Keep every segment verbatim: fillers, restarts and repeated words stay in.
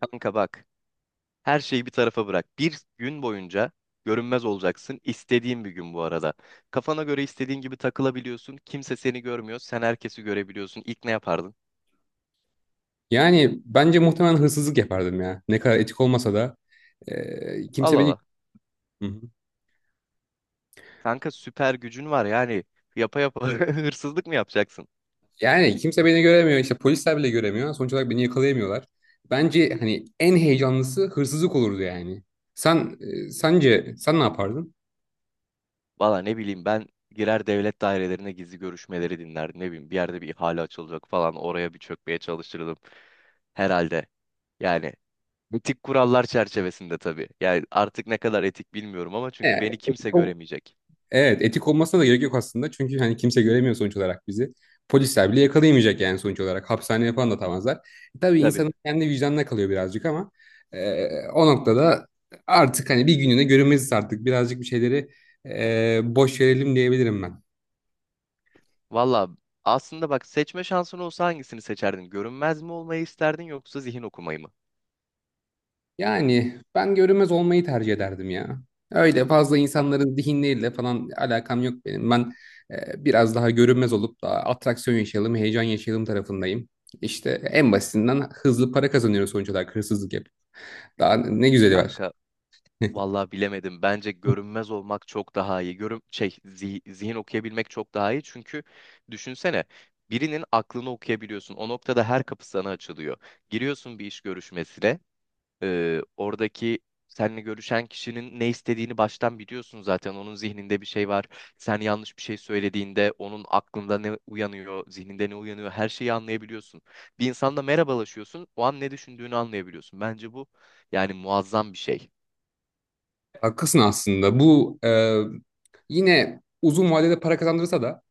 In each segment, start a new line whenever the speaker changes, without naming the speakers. Kanka bak, her şeyi bir tarafa bırak. Bir gün boyunca görünmez olacaksın. İstediğin bir gün bu arada. Kafana göre istediğin gibi takılabiliyorsun. Kimse seni görmüyor. Sen herkesi görebiliyorsun. İlk ne yapardın?
Yani bence muhtemelen hırsızlık yapardım ya. Ne kadar etik olmasa da e,
Al
kimse beni.
ala.
Hı hı.
Kanka süper gücün var yani. Yapa yapa hırsızlık mı yapacaksın?
yani kimse beni göremiyor. İşte polisler bile göremiyor. Sonuç olarak beni yakalayamıyorlar. Bence hani en heyecanlısı hırsızlık olurdu yani. Sen e, Sence sen ne yapardın?
Valla ne bileyim ben girer devlet dairelerine gizli görüşmeleri dinlerdim. Ne bileyim bir yerde bir ihale açılacak falan oraya bir çökmeye çalışırdım. Herhalde yani. Etik kurallar çerçevesinde tabii. Yani artık ne kadar etik bilmiyorum ama çünkü
E,
beni kimse göremeyecek.
Evet, etik olmasına da gerek yok aslında. Çünkü hani kimse göremiyor sonuç olarak bizi. Polisler bile yakalayamayacak yani sonuç olarak. Hapishaneye falan da atamazlar. E, Tabii
Tabii.
insanın kendi vicdanına kalıyor birazcık ama e, o noktada artık hani bir gününe görünmeziz artık. Birazcık bir şeyleri e, boş verelim diyebilirim ben.
Valla aslında bak seçme şansın olsa hangisini seçerdin? Görünmez mi olmayı isterdin yoksa zihin okumayı mı?
Yani ben görünmez olmayı tercih ederdim ya. Öyle fazla insanların zihinleriyle falan alakam yok benim. Ben e, biraz daha görünmez olup da atraksiyon yaşayalım, heyecan yaşayalım tarafındayım. İşte en basitinden hızlı para kazanıyoruz sonuç olarak hırsızlık yap. Daha ne güzeli var.
Kanka valla bilemedim. Bence görünmez olmak çok daha iyi. Görün şey zi- zihin okuyabilmek çok daha iyi. Çünkü düşünsene birinin aklını okuyabiliyorsun. O noktada her kapı sana açılıyor. Giriyorsun bir iş görüşmesine. Ee, oradaki seninle görüşen kişinin ne istediğini baştan biliyorsun zaten. Onun zihninde bir şey var. Sen yanlış bir şey söylediğinde onun aklında ne uyanıyor, zihninde ne uyanıyor her şeyi anlayabiliyorsun. Bir insanla merhabalaşıyorsun, o an ne düşündüğünü anlayabiliyorsun. Bence bu yani muazzam bir şey.
Haklısın aslında. Bu e, yine uzun vadede para kazandırsa da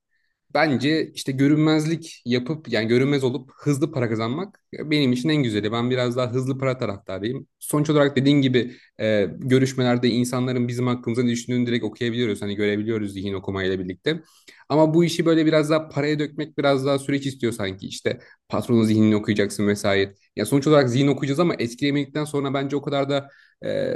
bence işte görünmezlik yapıp yani görünmez olup hızlı para kazanmak benim için en güzeli. Ben biraz daha hızlı para taraftarıyım. Sonuç olarak dediğin gibi e, görüşmelerde insanların bizim hakkımızda ne düşündüğünü direkt okuyabiliyoruz. Hani görebiliyoruz zihin okumayla birlikte. Ama bu işi böyle biraz daha paraya dökmek biraz daha süreç istiyor sanki. İşte patronun zihnini okuyacaksın vesaire. Ya sonuç olarak zihin okuyacağız ama etkilemedikten sonra bence o kadar da e,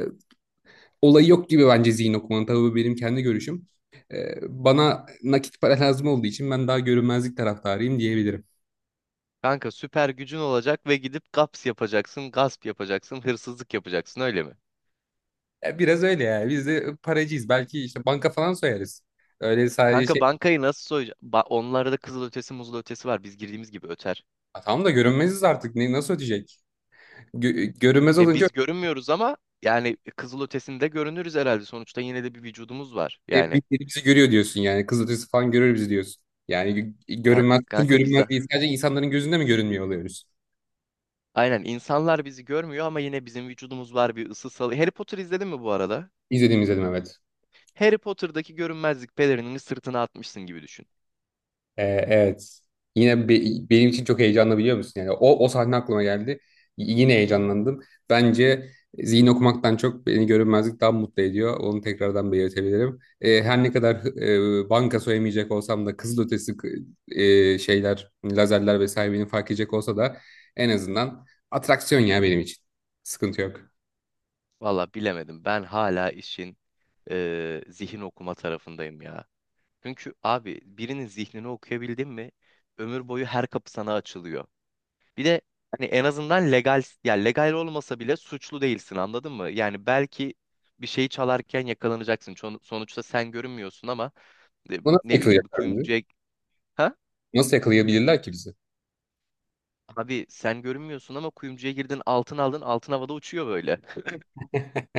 olayı yok gibi, bence zihin okumanın. Tabii bu benim kendi görüşüm. Ee, Bana nakit para lazım olduğu için ben daha görünmezlik taraftarıyım diyebilirim.
Kanka süper gücün olacak ve gidip gaps yapacaksın, gasp yapacaksın, hırsızlık yapacaksın, öyle mi?
Ya biraz öyle ya. Biz de paracıyız. Belki işte banka falan soyarız. Öyle sadece
Kanka
şey.
bankayı nasıl soyacaksın? Onlarda da kızıl ötesi muzul ötesi var. Biz girdiğimiz gibi öter.
Ha, tamam da görünmeziz artık. Ne, nasıl ödeyecek? Gö- görünmez
Ya
olunca
biz görünmüyoruz ama yani e, kızıl ötesinde görünürüz herhalde. Sonuçta yine de bir vücudumuz var.
e,
Yani
birileri bizi görüyor diyorsun yani. Kız ötesi falan görür bizi diyorsun. Yani gö-
kan-
görünmez, full
kanka
görünmez
bize.
değil. Sadece insanların gözünde mi görünmüyor oluyoruz?
Aynen, insanlar bizi görmüyor ama yine bizim vücudumuz var, bir ısı salı. Harry Potter izledin mi bu arada?
İzlediğim izledim, evet.
Harry Potter'daki görünmezlik pelerinini sırtına atmışsın gibi düşün.
Ee, evet. Yine be- benim için çok heyecanlı, biliyor musun? Yani o o sahne aklıma geldi. Y- yine heyecanlandım. Bence zihin okumaktan çok beni görünmezlik daha mutlu ediyor. Onu tekrardan belirtebilirim. Ee, her ne kadar e, banka soyamayacak olsam da, kızılötesi k- e, şeyler, lazerler vesaire beni fark edecek olsa da en azından atraksiyon ya benim için. Sıkıntı yok.
Valla bilemedim. Ben hala işin eee, zihin okuma tarafındayım ya. Çünkü abi birinin zihnini okuyabildin mi ömür boyu her kapı sana açılıyor. Bir de hani en azından legal ya, legal olmasa bile suçlu değilsin, anladın mı? Yani belki bir şeyi çalarken yakalanacaksın. Çon- Sonuçta sen görünmüyorsun ama e,
Bu nasıl
ne bileyim bir
yakalayacaklar bizi?
kuyumcuya, ha?
Nasıl yakalayabilirler ki bizi?
Abi sen görünmüyorsun ama kuyumcuya girdin, altın aldın, altın havada uçuyor böyle.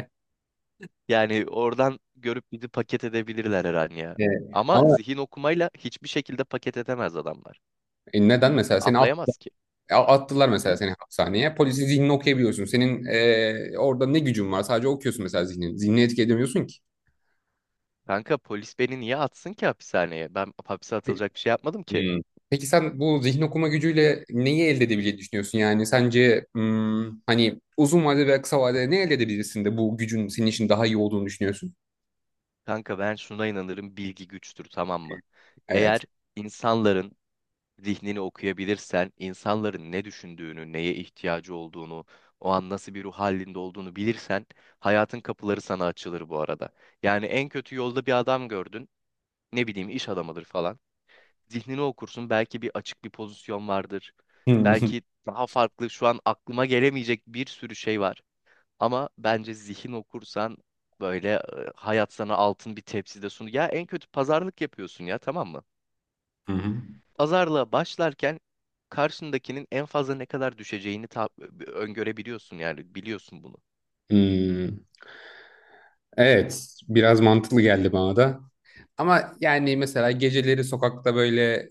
Yani oradan görüp bizi paket edebilirler her an ya.
Ee,
Ama
Ama
zihin okumayla hiçbir şekilde paket edemez adamlar.
neden mesela seni.
Anlayamaz ki.
Ya, attılar
Hı?
mesela seni hapishaneye. Polisi zihnini okuyabiliyorsun. Senin eee, orada ne gücün var? Sadece okuyorsun mesela zihnini. Zihnini etki edemiyorsun ki.
Kanka polis beni niye atsın ki hapishaneye? Ben hapse
Pe-
atılacak bir şey yapmadım ki.
Hmm. Peki sen bu zihin okuma gücüyle neyi elde edebileceğini düşünüyorsun? Yani sence hmm, hani uzun vadede veya kısa vadede ne elde edebilirsin de bu gücün senin için daha iyi olduğunu düşünüyorsun?
Kanka ben şuna inanırım, bilgi güçtür, tamam mı?
Evet.
Eğer insanların zihnini okuyabilirsen, insanların ne düşündüğünü, neye ihtiyacı olduğunu, o an nasıl bir ruh halinde olduğunu bilirsen hayatın kapıları sana açılır bu arada. Yani en kötü yolda bir adam gördün, ne bileyim iş adamıdır falan. Zihnini okursun, belki bir açık bir pozisyon vardır.
Hmm.
Belki daha farklı şu an aklıma gelemeyecek bir sürü şey var. Ama bence zihin okursan böyle e, hayat sana altın bir tepside sunuyor. Ya en kötü pazarlık yapıyorsun ya, tamam mı?
Hı hı.
Pazarlığa başlarken karşındakinin en fazla ne kadar düşeceğini ta- öngörebiliyorsun, yani biliyorsun bunu.
Hmm. Evet, biraz mantıklı geldi bana da. Ama yani mesela geceleri sokakta böyle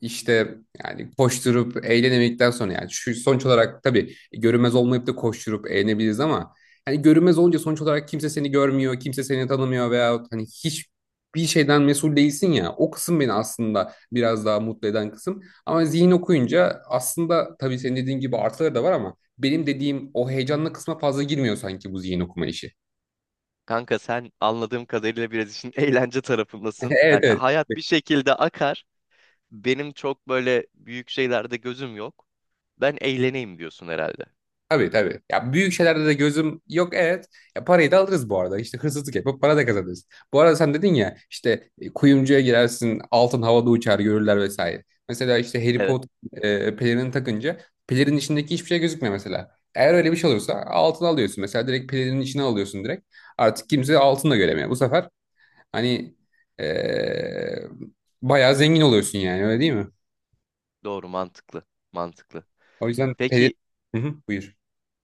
İşte yani koşturup eğlenemedikten sonra, yani şu sonuç olarak tabii görünmez olmayıp da koşturup eğlenebiliriz ama hani görünmez olunca sonuç olarak kimse seni görmüyor, kimse seni tanımıyor veya hani hiçbir şeyden mesul değilsin ya. O kısım beni aslında biraz daha mutlu eden kısım. Ama zihin okuyunca aslında tabii senin dediğin gibi artıları da var ama benim dediğim o heyecanlı kısma fazla girmiyor sanki bu zihin okuma işi.
Kanka sen anladığım kadarıyla biraz işin eğlence tarafındasın.
Evet,
Yani
evet.
hayat bir şekilde akar. Benim çok böyle büyük şeylerde gözüm yok. Ben eğleneyim diyorsun herhalde.
Tabii tabii. Ya büyük şeylerde de gözüm yok, evet. Ya parayı da alırız bu arada. İşte hırsızlık yapıp para da kazanırız. Bu arada sen dedin ya işte e, kuyumcuya girersin, altın havada uçar, görürler vesaire. Mesela işte Harry
Evet.
Potter e, pelerini takınca pelerinin içindeki hiçbir şey gözükmüyor mesela. Eğer öyle bir şey olursa altın alıyorsun. Mesela direkt pelerinin içine alıyorsun direkt. Artık kimse altın da göremiyor. Bu sefer hani e, bayağı zengin oluyorsun yani, öyle değil mi?
Doğru, mantıklı. Mantıklı.
O yüzden pelerin...
Peki
Hı hı, buyur.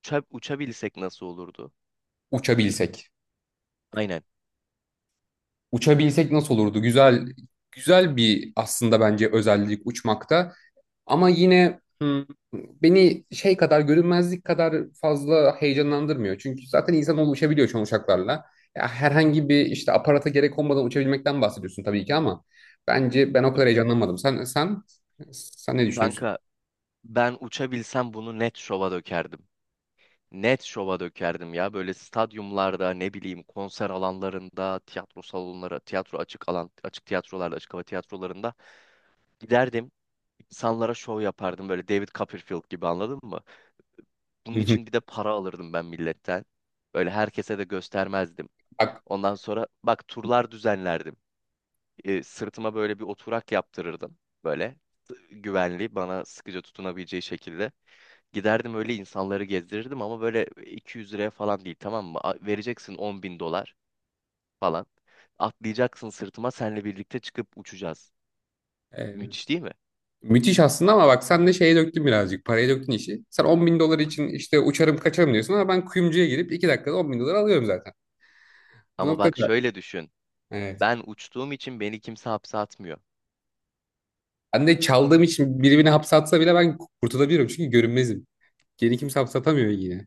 uça- uçabilsek nasıl olurdu?
Uçabilsek.
Aynen.
uçabilsek nasıl olurdu? Güzel güzel bir aslında bence özellik uçmakta. Ama yine hmm, beni şey kadar görünmezlik kadar fazla heyecanlandırmıyor. Çünkü zaten insanoğlu uçabiliyor şu an uçaklarla. Ya herhangi bir işte aparata gerek olmadan uçabilmekten bahsediyorsun tabii ki ama bence ben o kadar heyecanlanmadım. Sen sen sen ne düşünüyorsun?
Kanka ben uçabilsem bunu net şova dökerdim. Net şova dökerdim ya. Böyle stadyumlarda, ne bileyim konser alanlarında, tiyatro salonları, tiyatro açık alan, açık tiyatrolarda, açık hava tiyatrolarında giderdim. İnsanlara şov yapardım böyle, David Copperfield gibi, anladın mı? Bunun
Hı hı.
için bir de para alırdım ben milletten. Böyle herkese de göstermezdim.
Bak,
Ondan sonra bak turlar düzenlerdim. Ee, sırtıma böyle bir oturak yaptırırdım. Böyle güvenli, bana sıkıca tutunabileceği şekilde. Giderdim öyle insanları gezdirirdim ama böyle iki yüz liraya falan değil, tamam mı? A- Vereceksin on bin dolar falan. Atlayacaksın sırtıma, senle birlikte çıkıp uçacağız.
e,
Müthiş değil mi?
müthiş aslında ama bak sen de şeye döktün birazcık, paraya döktün işi. Sen on bin dolar için işte uçarım kaçarım diyorsun ama ben kuyumcuya girip iki dakikada on bin dolar alıyorum. Bu
Ama bak
noktada
şöyle düşün.
evet.
Ben uçtuğum için beni kimse hapse atmıyor.
Anne çaldığım için biri beni hapse atsa bile ben kurtulabilirim çünkü görünmezim. Geri kimse hapse atamıyor yine.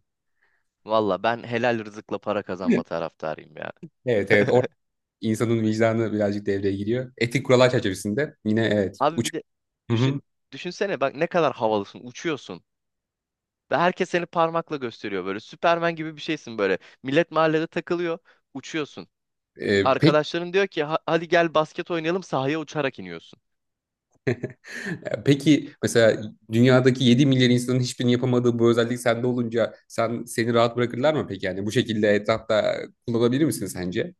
Valla ben helal rızıkla para kazanma
Evet,
taraftarıyım ya.
evet. Evet. Orada insanın vicdanı birazcık devreye giriyor. Etik kurallar çerçevesinde yine, evet.
Abi
Uç...
bir de
Hı
düşün,
hı.
düşünsene bak, ne kadar havalısın, uçuyorsun. Ve herkes seni parmakla gösteriyor böyle. Süpermen gibi bir şeysin böyle. Millet mahallede takılıyor, uçuyorsun.
Ee, peki,
Arkadaşların diyor ki "Ha- hadi gel basket oynayalım", sahaya uçarak iniyorsun.
peki mesela dünyadaki yedi milyar insanın hiçbirinin yapamadığı bu özellik sende olunca sen, seni rahat bırakırlar mı peki? Yani bu şekilde etrafta kullanabilir misin sence?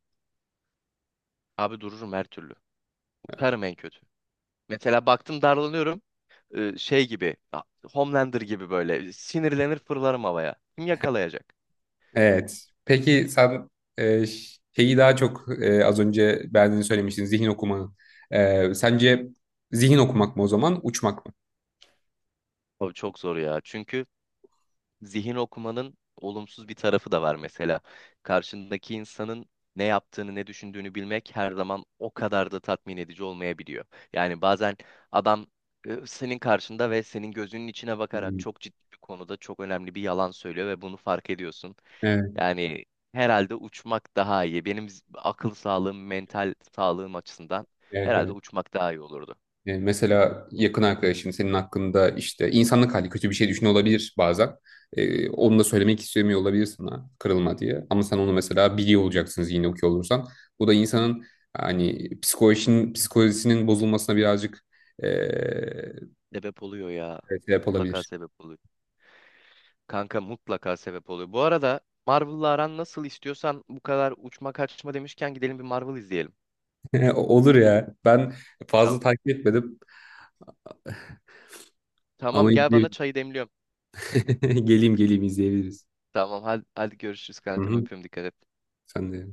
Abi dururum her türlü. Uçarım en kötü. Mesela baktım darlanıyorum. Ee, şey gibi a- Homelander gibi böyle sinirlenir fırlarım havaya. Kim yakalayacak?
Evet. Peki sen e, ş- şeyi daha çok, e, az önce beğendiğini söylemiştin zihin okumanın. E, sence zihin okumak mı o zaman, uçmak mı?
Abi çok zor ya. Çünkü zihin okumanın olumsuz bir tarafı da var mesela. Karşındaki insanın ne yaptığını, ne düşündüğünü bilmek her zaman o kadar da tatmin edici olmayabiliyor. Yani bazen adam e, senin karşında ve senin gözünün içine bakarak
Hmm.
çok ciddi bir konuda çok önemli bir yalan söylüyor ve bunu fark ediyorsun.
Evet,
Yani herhalde uçmak daha iyi. Benim z- akıl sağlığım, mental sağlığım açısından
evet,
herhalde
evet.
uçmak daha iyi olurdu.
E, mesela yakın arkadaşın senin hakkında işte insanlık hali kötü bir şey düşünüyor olabilir bazen. E, onu da söylemek istemiyor olabilir sana kırılma diye. Ama sen onu mesela biliyor olacaksınız yine, okuyor olursan. Bu da insanın hani psikolojinin, psikolojisinin bozulmasına birazcık e,
Sebep oluyor ya.
evet, sebep
Mutlaka
olabilir.
sebep oluyor. Kanka mutlaka sebep oluyor. Bu arada Marvel'la aran nasıl, istiyorsan bu kadar uçma kaçma demişken gidelim bir Marvel izleyelim.
Olur ya. Ben fazla
Tamam.
takip etmedim ama
Tamam gel, bana
izleyebilirim.
çayı demliyorum.
Geleyim geleyim izleyebiliriz.
Tamam hadi, hadi görüşürüz
Hı
kankam,
hı.
öpüyorum, dikkat et.
Sen de.